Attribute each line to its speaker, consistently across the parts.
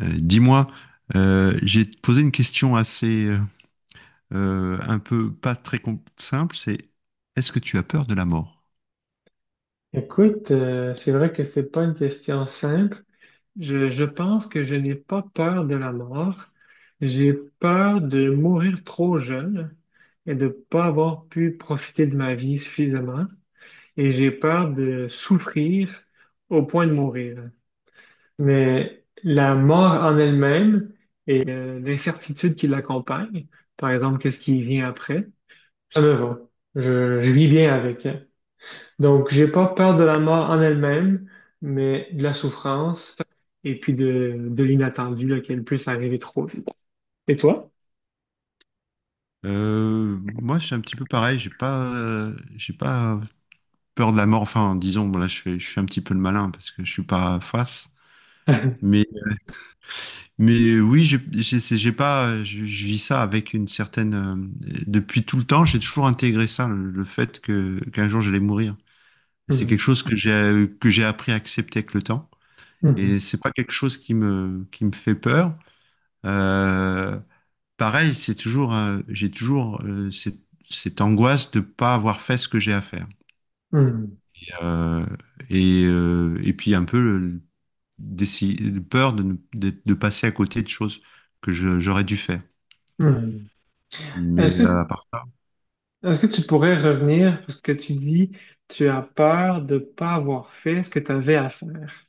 Speaker 1: Euh, dis-moi, j'ai posé une question assez un peu pas très simple, c'est est-ce que tu as peur de la mort?
Speaker 2: Écoute, c'est vrai que c'est pas une question simple. Je pense que je n'ai pas peur de la mort. J'ai peur de mourir trop jeune et de pas avoir pu profiter de ma vie suffisamment. Et j'ai peur de souffrir au point de mourir. Mais la mort en elle-même et l'incertitude qui l'accompagne, par exemple, qu'est-ce qui vient après, ça me va. Je vis bien avec, hein. Donc, j'ai pas peur de la mort en elle-même, mais de la souffrance et puis de l'inattendu, là, qu'elle puisse arriver trop vite. Et toi?
Speaker 1: Moi, je suis un petit peu pareil, j'ai pas peur de la mort. Enfin, disons, bon, là, je suis un petit peu le malin parce que je suis pas face. Mais mais oui, j'ai j'ai pas je vis ça avec une certaine depuis tout le temps, j'ai toujours intégré ça, le fait que qu'un jour j'allais mourir. C'est quelque
Speaker 2: Hum,
Speaker 1: chose que j'ai appris à accepter avec le temps. Et
Speaker 2: hum,
Speaker 1: c'est pas quelque chose qui me fait peur. Euh, Pareil, c'est toujours, j'ai toujours cette angoisse de pas avoir fait ce que j'ai à faire.
Speaker 2: hum,
Speaker 1: Euh, et puis un peu peur de, de passer à côté de choses j'aurais dû faire.
Speaker 2: hum.
Speaker 1: Mais
Speaker 2: Est-ce que,
Speaker 1: à part ça,
Speaker 2: est-ce que tu pourrais revenir, parce que tu dis, tu as peur de pas avoir fait ce que tu avais à faire.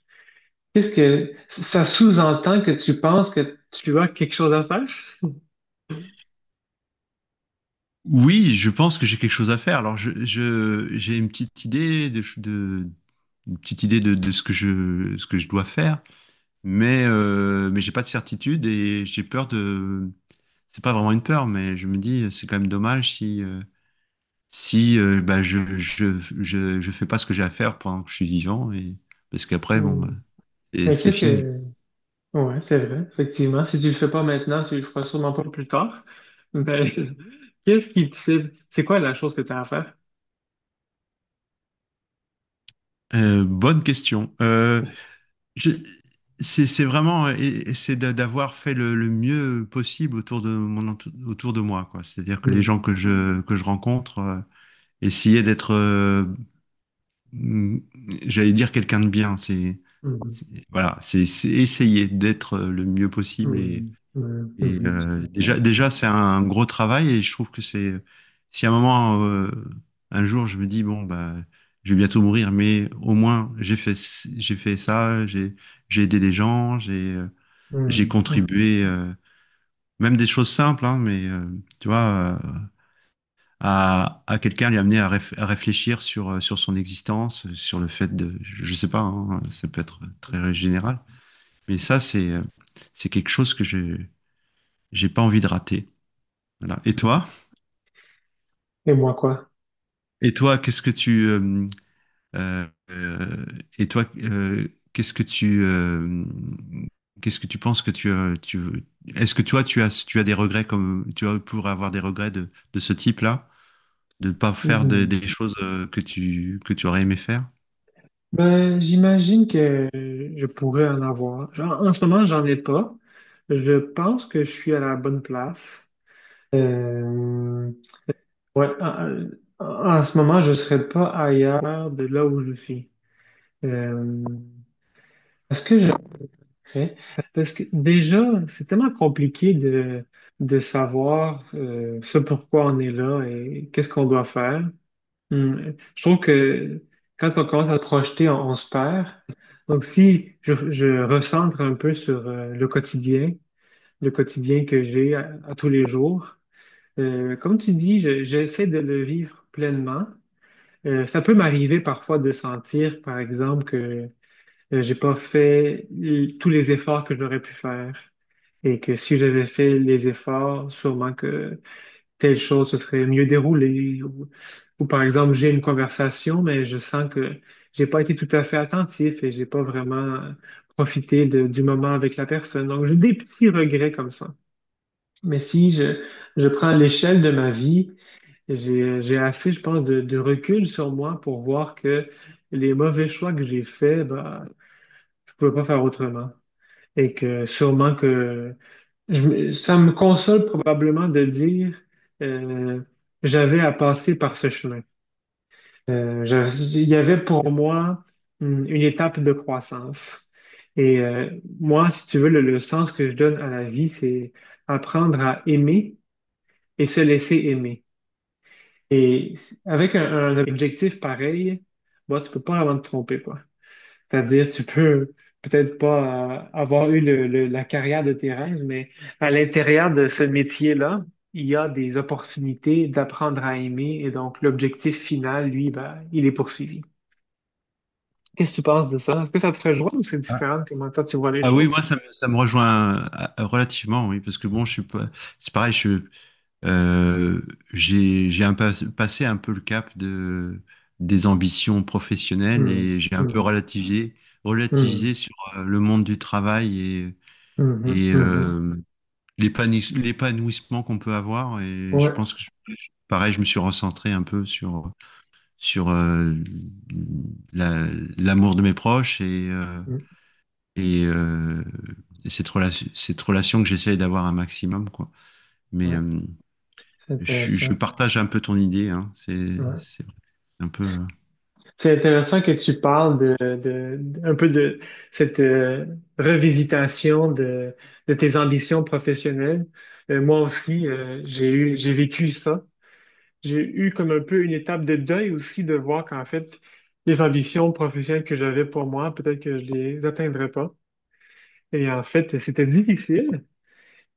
Speaker 2: Qu'est-ce que ça sous-entend que tu penses que tu as quelque chose à faire?
Speaker 1: oui, je pense que j'ai quelque chose à faire. Alors, j'ai une petite idée de une petite idée de ce ce que je dois faire, mais j'ai pas de certitude et j'ai peur de. C'est pas vraiment une peur, mais je me dis c'est quand même dommage si si bah je fais pas ce que j'ai à faire pendant que je suis vivant et parce qu'après bon bah,
Speaker 2: Hmm.
Speaker 1: et
Speaker 2: Mais
Speaker 1: c'est fini.
Speaker 2: Ouais, c'est vrai, effectivement. Si tu le fais pas maintenant, tu le feras sûrement pas plus tard. Mais qu'est-ce qui te fait... C'est quoi la chose que tu as à faire?
Speaker 1: Bonne question. Je- C'est vraiment, et c'est d'avoir fait le mieux possible autour de autour de moi, quoi. C'est-à-dire que les gens
Speaker 2: Hmm,
Speaker 1: que je rencontre, essayer d'être, mm, j'allais dire quelqu'un de bien.
Speaker 2: hmm,
Speaker 1: Voilà, c'est essayer d'être le mieux possible. Et
Speaker 2: hmm, hmm, hmm, hmm, je comprends.
Speaker 1: déjà, c'est un gros travail et je trouve que c'est, si à un moment, un jour, je me dis bon bah, je vais bientôt mourir, mais au moins j'ai fait ça, j'ai aidé des gens, j'ai
Speaker 2: Hmm, hmm,
Speaker 1: contribué, même des choses simples, hein, mais tu vois, à quelqu'un lui amener à, à réfléchir sur sur son existence, sur le fait de, je sais pas, hein, ça peut être très général, mais ça c'est quelque chose j'ai pas envie de rater. Voilà. Et
Speaker 2: hmm.
Speaker 1: toi?
Speaker 2: Et moi, quoi?
Speaker 1: Et toi, qu'est-ce que tu euh, euh, et toi qu'est-ce que tu euh, qu'est-ce que tu penses que tu as tu est-ce que toi tu as des regrets comme tu as pour avoir des regrets de ce type-là, de ne pas faire des choses que tu aurais aimé faire?
Speaker 2: Ben, j'imagine que je pourrais en avoir. Genre, en ce moment, j'en ai pas. Je pense que je suis à la bonne place. Euh, ouais, en- en ce moment, je serais pas ailleurs de là où je suis. Euh, est-ce que je pourrais? Parce que déjà, c'est tellement compliqué de savoir ce pourquoi on est là et qu'est-ce qu'on doit faire. Hmm. Je trouve que quand on commence à se projeter, on se perd. Donc, si je recentre un peu sur le quotidien que à tous les jours, comme tu dis, j'essaie de le vivre pleinement. Ça peut m'arriver parfois de sentir, par exemple, que j'ai pas fait tous les efforts que j'aurais pu faire et que si j'avais fait les efforts, sûrement que telle chose se serait mieux déroulée. Ou par exemple, j'ai une conversation, mais je sens que j'ai pas été tout à fait attentif et j'ai pas vraiment du moment avec la personne. Donc, j'ai des petits regrets comme ça. Mais si je prends l'échelle de ma vie, j'ai assez, je pense, de recul sur moi pour voir que les mauvais choix que j'ai faits, ben je pouvais pas faire autrement. Et que sûrement que ça me console probablement de dire euh, j'avais à passer par ce chemin. Il y avait pour moi une étape de croissance. Et moi, si tu veux, le sens que je donne à la vie, c'est apprendre à aimer et se laisser aimer. Et avec un objectif pareil, bon, tu peux pas vraiment te tromper, quoi. C'est-à-dire, tu peux peut-être pas avoir la carrière de tes rêves, mais à l'intérieur de ce métier-là, il y a des opportunités d'apprendre à aimer et donc l'objectif final, lui, ben, il est poursuivi. Qu'est-ce que tu penses de ça? Est-ce que ça te rejoint ou c'est
Speaker 1: Ah,
Speaker 2: différent de comment toi tu vois les
Speaker 1: Ah oui,
Speaker 2: choses?
Speaker 1: moi ça me rejoint relativement, oui, parce que bon, je suis pas, c'est pareil, Euh, j'ai un passé un peu le cap de, des ambitions professionnelles
Speaker 2: Hum,
Speaker 1: et j'ai un peu
Speaker 2: hum,
Speaker 1: relativisé,
Speaker 2: hum,
Speaker 1: relativisé sur le monde du travail et,
Speaker 2: hum, hum,
Speaker 1: et
Speaker 2: hum.
Speaker 1: euh, l'épanouissement qu'on peut avoir. Et je
Speaker 2: Ouais,
Speaker 1: pense pareil, je me suis recentré un peu sur, sur la- l'amour de mes proches
Speaker 2: hum,
Speaker 1: et, euh, et cette relation que j'essaye d'avoir un maximum, quoi. Mais,
Speaker 2: ouais, c'est
Speaker 1: je
Speaker 2: intéressant.
Speaker 1: partage un peu ton idée, hein. C'est vrai. C'est un peu.
Speaker 2: C'est intéressant que tu parles un peu de cette revisitation de tes ambitions professionnelles. Moi aussi, j'ai vécu ça. J'ai eu comme un peu une étape de deuil aussi de voir qu'en fait, les ambitions professionnelles que j'avais pour moi, peut-être que je les atteindrais pas. Et en fait, c'était difficile.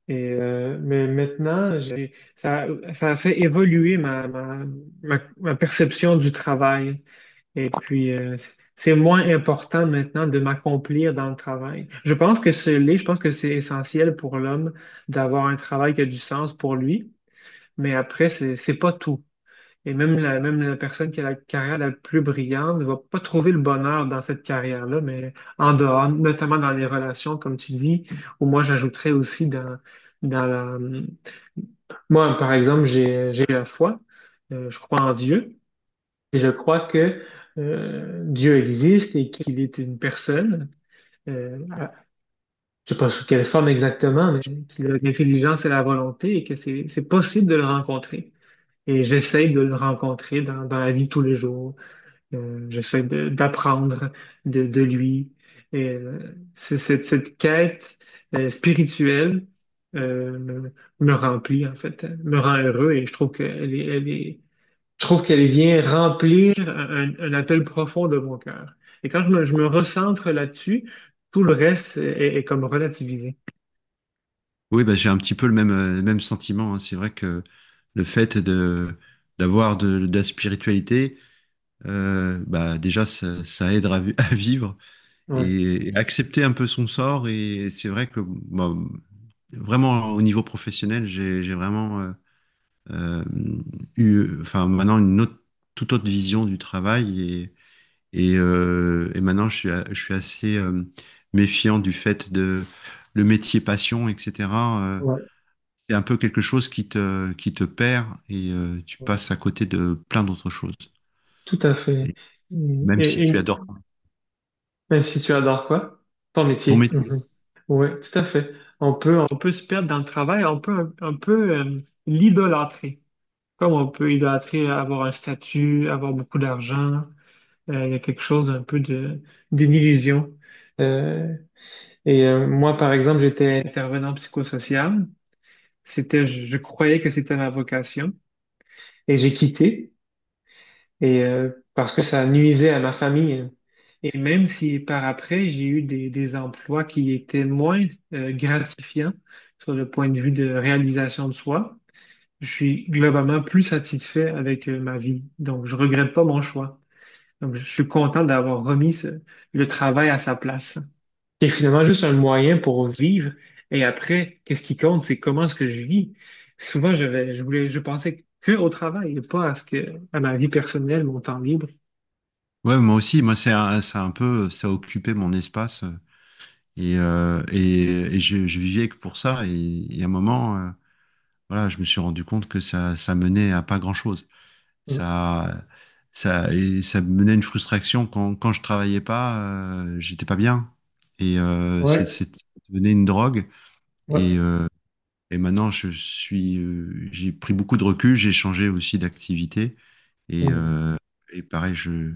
Speaker 2: Et mais maintenant, ça a fait évoluer ma perception du travail. Et puis, c'est moins important maintenant de m'accomplir dans le travail. Je pense que ce l'est, je pense que c'est essentiel pour l'homme d'avoir un travail qui a du sens pour lui, mais après, c'est pas tout. Et même même la personne qui a la carrière la plus brillante ne va pas trouver le bonheur dans cette carrière-là, mais en dehors, notamment dans les relations, comme tu dis, ou moi j'ajouterais aussi dans la... Moi, par exemple, j'ai la foi. Je crois en Dieu. Et je crois que Dieu existe et qu'il est une personne, euh, à- je ne sais pas sous quelle forme exactement, mais qu'il a l'intelligence et la volonté et que c'est possible de le rencontrer. Et j'essaie de le rencontrer dans la vie de tous les jours. D'apprendre de lui. Et cette, cette quête spirituelle euh, me, me remplit, en fait, me rend heureux et je trouve qu'elle est, elle est je trouve qu'elle vient remplir un appel profond de mon cœur. Et quand je me recentre là-dessus, tout le reste est comme relativisé.
Speaker 1: Oui, bah, j'ai un petit peu le même sentiment, hein. C'est vrai que le fait de d'avoir de la spiritualité, bah, déjà ça aide à, à vivre
Speaker 2: Oui,
Speaker 1: et accepter un peu son sort. Et c'est vrai que bah, vraiment au niveau professionnel, j'ai vraiment euh, eu, enfin maintenant toute autre vision du travail. Et maintenant, je suis assez méfiant du fait de le métier passion, etc. Euh,
Speaker 2: ouais,
Speaker 1: c'est un peu quelque chose qui te perd et tu
Speaker 2: ouais.
Speaker 1: passes à côté de plein d'autres choses.
Speaker 2: Tout à fait.
Speaker 1: Et même si
Speaker 2: Et
Speaker 1: tu adores
Speaker 2: même si tu adores quoi? Ton
Speaker 1: ton
Speaker 2: métier.
Speaker 1: métier.
Speaker 2: Oui, tout à fait. On peut se perdre dans le travail, on peut un peu l'idolâtrer. Comme on peut idolâtrer avoir un statut, avoir beaucoup d'argent, il y a quelque chose d'un peu d'une illusion. Et moi, par exemple, j'étais intervenant psychosocial. Je croyais que c'était ma vocation et j'ai quitté parce que ça nuisait à ma famille. Et même si par après, j'ai eu des emplois qui étaient moins gratifiants sur le point de vue de réalisation de soi, je suis globalement plus satisfait avec ma vie. Donc, je regrette pas mon choix. Donc, je suis content d'avoir le travail à sa place. C'est finalement juste un moyen pour vivre. Et après, qu'est-ce qui compte, c'est comment est-ce que je vis. Souvent, je vais- je voulais, je pensais que au travail, et pas à ce que, à ma vie personnelle, mon temps libre.
Speaker 1: Ouais, moi aussi, moi, c'est un peu, ça a occupé mon espace je vivais que pour ça. Et à un moment, voilà, je me suis rendu compte que ça menait à pas grand-chose.
Speaker 2: Mm.
Speaker 1: Ça, et ça me menait à une frustration quand, quand je travaillais pas, j'étais pas bien. Et
Speaker 2: Ouais,
Speaker 1: ça devenait une drogue. Et,
Speaker 2: ouais.
Speaker 1: maintenant, j'ai pris beaucoup de recul, j'ai changé aussi d'activité. Et,
Speaker 2: Mm,
Speaker 1: pareil,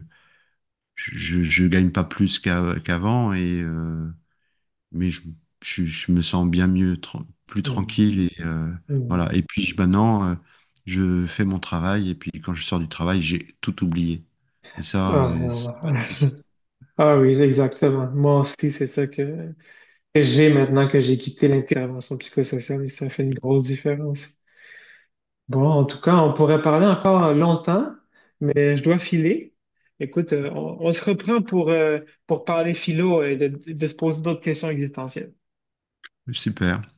Speaker 1: je, je gagne pas plus qu'avant. Et, mais je, je me sens bien mieux, plus
Speaker 2: mm,
Speaker 1: tranquille et
Speaker 2: mm.
Speaker 1: voilà. Et puis maintenant, je fais mon travail et puis quand je sors du travail, j'ai tout oublié. Et ça,
Speaker 2: Ah, ouais,
Speaker 1: ça
Speaker 2: ouais.
Speaker 1: n'a pas de prix.
Speaker 2: Ah oui, exactement. Moi aussi, c'est ça que j'ai maintenant que j'ai quitté l'intervention psychosociale et ça fait une grosse différence. Bon, en tout cas, on pourrait parler encore longtemps, mais je dois filer. Écoute, on se reprend pour parler philo et de se poser d'autres questions existentielles.
Speaker 1: Super.